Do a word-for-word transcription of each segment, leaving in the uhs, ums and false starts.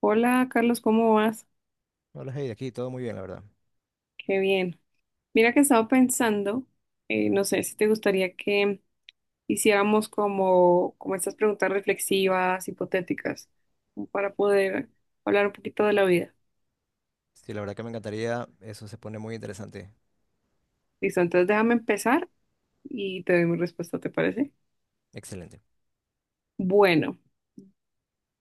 Hola Carlos, ¿cómo vas? Hola, Heidi, aquí todo muy bien, la verdad. Qué bien. Mira que estaba pensando, eh, no sé si te gustaría que hiciéramos como, como estas preguntas reflexivas, hipotéticas, como para poder hablar un poquito de la vida. Sí, la verdad que me encantaría, eso se pone muy interesante. Listo, entonces déjame empezar y te doy mi respuesta, ¿te parece? Excelente. Bueno,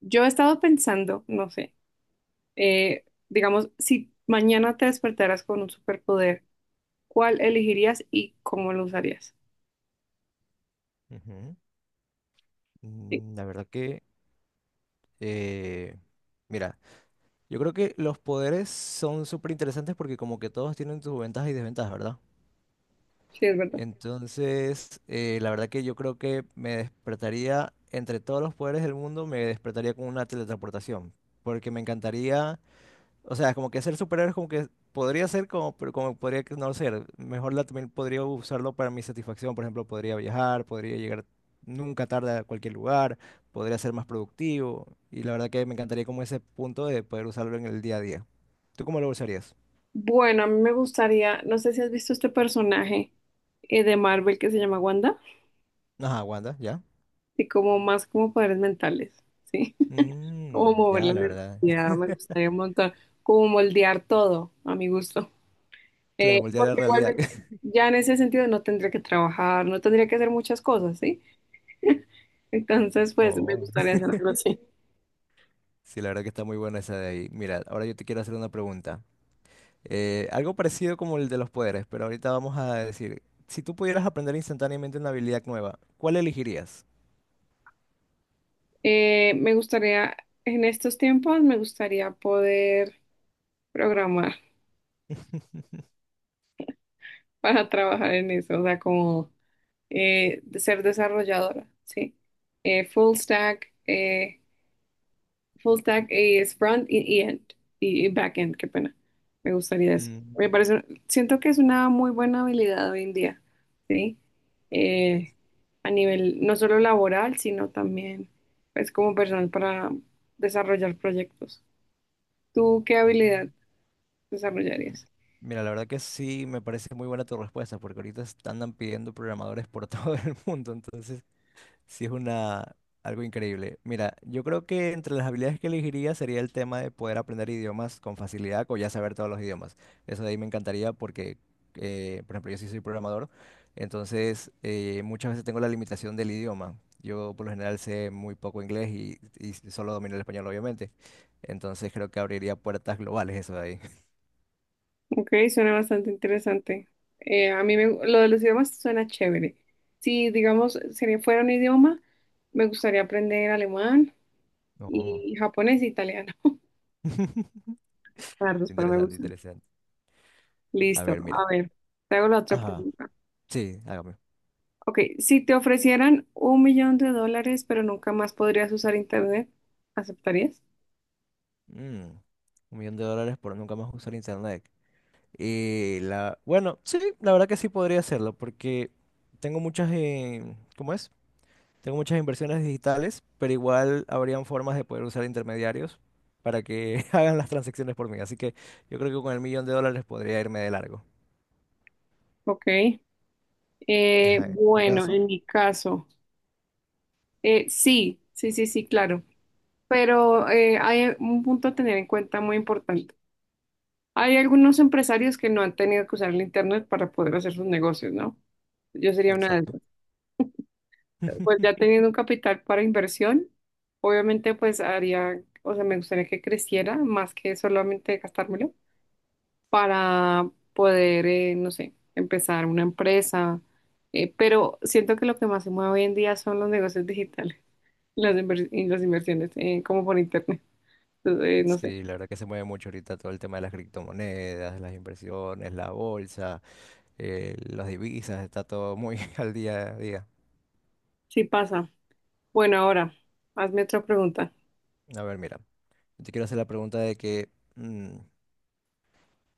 yo he estado pensando, no sé, eh, digamos, si mañana te despertaras con un superpoder, ¿cuál elegirías y cómo lo usarías? Ujú. Sí, Mm, La verdad que, eh, mira, yo creo que los poderes son súper interesantes porque como que todos tienen sus ventajas y desventajas, ¿verdad? sí, es verdad. Entonces, eh, la verdad que yo creo que me despertaría, entre todos los poderes del mundo, me despertaría con una teletransportación, porque me encantaría. O sea, como que ser superhéroe es como que podría ser como, pero como podría que no ser. Mejor la, también podría usarlo para mi satisfacción. Por ejemplo, podría viajar, podría llegar nunca tarde a cualquier lugar, podría ser más productivo. Y la verdad que me encantaría como ese punto de poder usarlo en el día a día. ¿Tú cómo lo usarías? Bueno, a mí me gustaría, no sé si has visto este personaje eh, de Marvel que se llama Wanda, Ajá, Wanda, ¿ya? y como más como poderes mentales, ¿sí? Mm, Como mover ya, la la verdad. energía, me gustaría un montón, como moldear todo a mi gusto. Eh, Claro, voltear a la porque realidad. igualmente ya en ese sentido no tendría que trabajar, no tendría que hacer muchas cosas, ¿sí? Entonces, pues me Oh. gustaría hacer algo así. Sí, la verdad que está muy buena esa de ahí. Mira, ahora yo te quiero hacer una pregunta. Eh, algo parecido como el de los poderes, pero ahorita vamos a decir, si tú pudieras aprender instantáneamente una habilidad nueva, ¿cuál elegirías? Eh, me gustaría, en estos tiempos, me gustaría poder programar para trabajar en eso, o sea, como... eh, de ser desarrolladora, ¿sí? Eh, full stack, eh, full stack eh, es front y, y end, y, y back end, qué pena. Me gustaría eso. Me Mm, parece, siento que es una muy buena habilidad hoy en día, ¿sí? Eh, a nivel no solo laboral, sino también, pues, como personal para desarrollar proyectos. ¿Tú qué mm. habilidad desarrollarías? Mira, la verdad que sí me parece muy buena tu respuesta, porque ahorita están- andan pidiendo programadores por todo el mundo, entonces sí, es una, algo increíble. Mira, yo creo que entre las habilidades que elegiría sería el tema de poder aprender idiomas con facilidad o ya saber todos los idiomas. Eso de ahí me encantaría porque, eh, por ejemplo, yo sí soy programador, entonces eh, muchas veces tengo la limitación del idioma. Yo por lo general sé muy poco inglés y, y solo domino el español, obviamente. Entonces creo que abriría puertas globales eso de ahí. Ok, suena bastante interesante. Eh, a mí me, lo de los idiomas suena chévere. Si, digamos, sería, fuera un idioma, me gustaría aprender alemán Oh. y japonés e italiano. Claro, pero me Interesante, gusta. interesante. A Listo, ver, mira. a ver, te hago la otra Ajá. pregunta. Sí, hágame. Ok, si te ofrecieran un millón de dólares, pero nunca más podrías usar internet, ¿aceptarías? Mm, un millón de dólares por nunca más usar internet. Y la, bueno, sí, la verdad que sí podría hacerlo, porque tengo muchas, eh, ¿cómo es? Tengo muchas inversiones digitales, pero igual habrían formas de poder usar intermediarios para que hagan las transacciones por mí. Así que yo creo que con el millón de dólares podría irme de largo. Ok. Eh, Ajá, ¿en tu bueno, caso? en mi caso, eh, sí, sí, sí, sí, claro. Pero eh, hay un punto a tener en cuenta muy importante. Hay algunos empresarios que no han tenido que usar el internet para poder hacer sus negocios, ¿no? Yo sería una de Exacto. esas. Pues ya teniendo un capital para inversión, obviamente pues haría, o sea, me gustaría que creciera más que solamente gastármelo para poder, eh, no sé, empezar una empresa. Eh, pero siento que lo que más se mueve hoy en día son los negocios digitales, las, inver- y las inversiones, eh, como por internet. Entonces, eh, no sé, Sí, la verdad que se mueve mucho ahorita todo el tema de las criptomonedas, las inversiones, la bolsa, eh, las divisas, está todo muy al día a día. sí pasa. Bueno, ahora, hazme otra pregunta. A ver, mira, yo te quiero hacer la pregunta de que mm,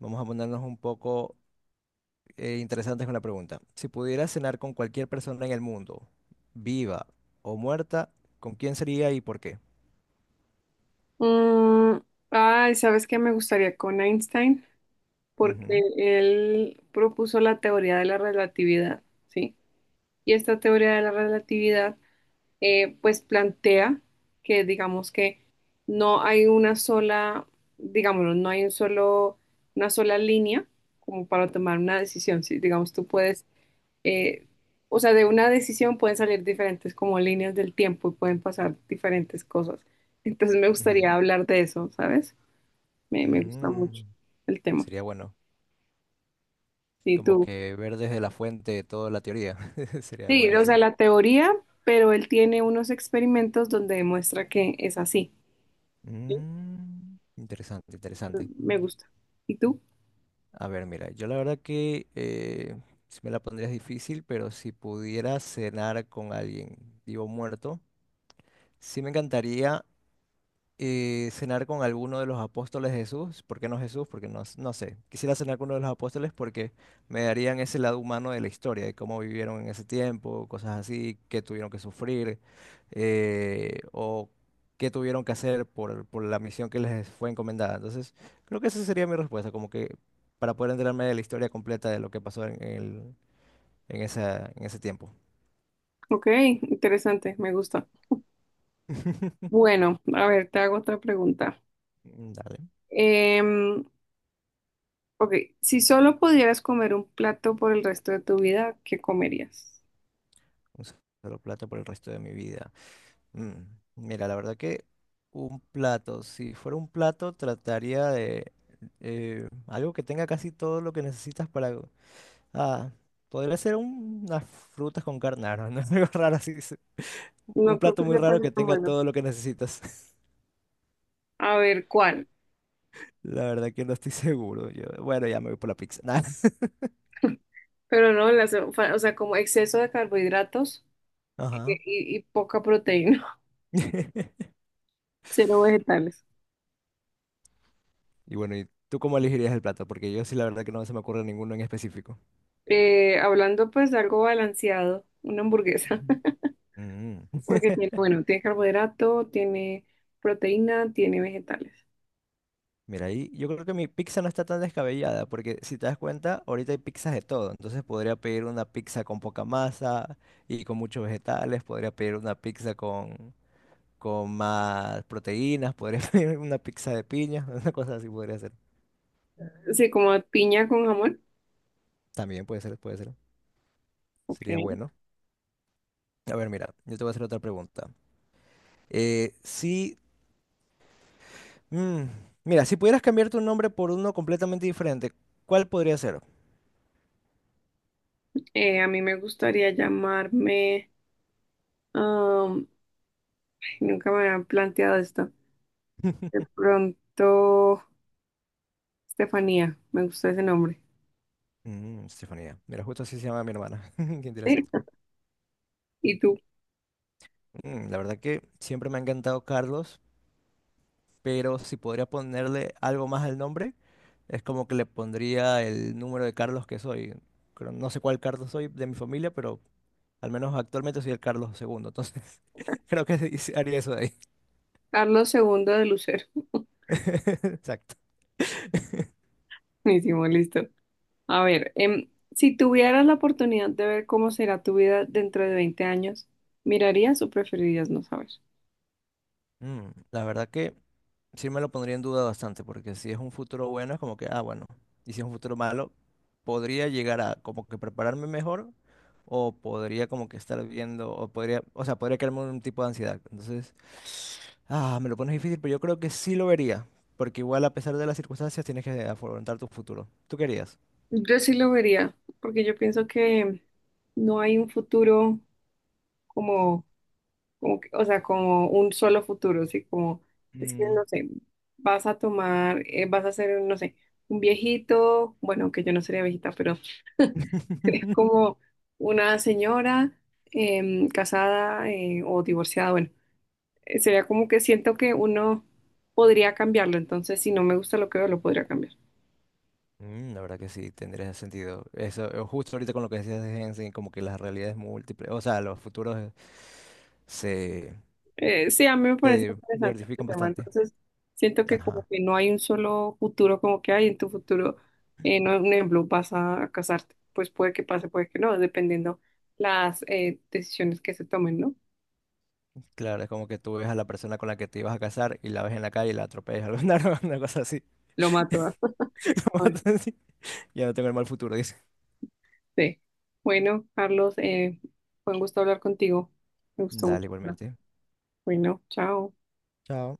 vamos a ponernos un poco eh, interesantes con la pregunta. Si pudieras cenar con cualquier persona en el mundo, viva o muerta, ¿con quién sería y por qué? Mm, ay, ¿sabes qué me gustaría con Einstein? Porque Ujú, él propuso la teoría de la relatividad, ¿sí? Y esta teoría de la relatividad, eh, pues plantea que, digamos que no hay una sola, digámoslo, no hay un solo, una sola línea como para tomar una decisión, ¿sí? Digamos, tú puedes, eh, o sea, de una decisión pueden salir diferentes como líneas del tiempo y pueden pasar diferentes cosas. Entonces me ujú. gustaría hablar de eso, ¿sabes? Me, me gusta mucho Mm, el tema. Sería bueno, Sí, como tú. que ver desde la fuente toda la teoría, sería Sí, o sea, buenísimo. la teoría, pero él tiene unos experimentos donde demuestra que es así. Sí. Mm, interesante, interesante. Me gusta. ¿Y tú? A ver, mira, yo la verdad que eh, si me la pondrías difícil, pero si pudiera cenar con alguien vivo o muerto. Sí me encantaría eh, cenar con alguno de los apóstoles de Jesús. ¿Por qué no Jesús? Porque no, s- no sé. Quisiera cenar con uno de los apóstoles porque me darían ese lado humano de la historia, de cómo vivieron en ese tiempo, cosas así, qué tuvieron que sufrir eh, o qué tuvieron que hacer por, por la misión que les fue encomendada. Entonces, creo que esa sería mi respuesta, como que para poder enterarme de la historia completa de lo que pasó en, el- en, esa- en ese tiempo. Ok, interesante, me gusta. Bueno, a ver, te hago otra pregunta. Dale, Em, ok, si solo pudieras comer un plato por el resto de tu vida, ¿qué comerías? un solo plato por el resto de mi vida. Mm, Mira, la verdad que un plato, si fuera un plato, trataría de eh, algo que tenga casi todo lo que necesitas para... Ah, podría ser un- unas frutas con carne, ah, no, no, algo raro así. se- Un No creo plato que muy raro sepas que está tenga bueno. todo lo que necesitas. A ver, ¿cuál? La verdad que no estoy seguro. Yo, bueno, ya me voy por la pizza. Nah. Pero no, las- o sea, como exceso de carbohidratos eh, Ajá. y, y poca proteína, cero vegetales. Y bueno, ¿y tú cómo elegirías el plato? Porque yo sí, la verdad que no se me ocurre ninguno en específico. Eh, hablando pues de algo balanceado, una hamburguesa, Ujú. Mm. porque tiene, bueno, tiene carbohidrato, tiene proteína, tiene vegetales. Mira, ahí yo creo que mi pizza no está tan descabellada, porque si te das cuenta, ahorita hay pizzas de todo. Entonces podría pedir una pizza con poca masa y con muchos vegetales, podría pedir una pizza con, con más proteínas, podría pedir una pizza de piña, una cosa así podría ser. Sí, como piña con jamón. También puede ser, puede ser. Sería Ok. bueno. A ver, mira, yo te voy a hacer otra pregunta. Eh, si, mm, mira, si pudieras cambiar tu nombre por uno completamente diferente, ¿cuál podría ser? Eh, a mí me gustaría llamarme, am, ay, nunca me habían planteado esto. De pronto, Estefanía, me gusta ese nombre. Mm, Estefanía. Mira, justo así se llama mi hermana. Qué Sí. interesante. ¿Y tú? Mm, La verdad que siempre me ha encantado Carlos, pero si podría ponerle algo más al nombre, es como que le pondría el número de Carlos que soy. Creo- No sé cuál Carlos soy de mi familia, pero al menos actualmente soy el Carlos segundo, entonces creo que sí haría eso de ahí. Carlos segundo de Lucero. Exacto. Buenísimo, listo. A ver, em, si tuvieras la oportunidad de ver cómo será tu vida dentro de veinte años, ¿mirarías o preferirías no saber? Mm, La verdad que sí me lo pondría en duda bastante, porque si es un futuro bueno, es como que, ah, bueno, y si es un futuro malo, podría llegar a como que prepararme mejor, o podría como que estar viendo, o podría, o sea, podría crearme un tipo de ansiedad. Entonces, ah, me lo pones difícil, pero yo creo que sí lo vería, porque igual a pesar de las circunstancias tienes que afrontar tu futuro. ¿Tú querías? Yo sí lo vería, porque yo pienso que no hay un futuro como, como que- o sea, como un solo futuro, así como, es que, Mm. no sé, vas a tomar, eh, vas a ser, no sé, un viejito, bueno, que yo no sería viejita, pero sería como una señora em, casada eh, o divorciada, bueno. eh, sería como que siento que uno podría cambiarlo, entonces si no me gusta lo que veo, lo podría cambiar. Mm, la verdad que sí, tendría ese sentido. Eso, eh, justo ahorita con lo que decías de Jensen, como que las realidades múltiples, o sea, los futuros eh, se, Eh, sí, a mí me parece te interesante este diversifican tema, bastante. entonces siento que como Ajá. que no hay un solo futuro, como que hay en tu futuro, eh, no, un ejemplo, vas a casarte, pues puede que pase, puede que no, dependiendo las eh, decisiones que se tomen, ¿no? Claro, es como que tú ves a la persona con la que te ibas a casar y la ves en la calle y la atropellas, alguna una cosa así. Lo mato. ¿Ah? Pues, Una Bueno, cosa así. Ya no tengo el mal futuro, dice. sí. Bueno, Carlos, eh, fue un gusto hablar contigo, me gustó Dale, mucho. igualmente. Bueno, chao. Chao.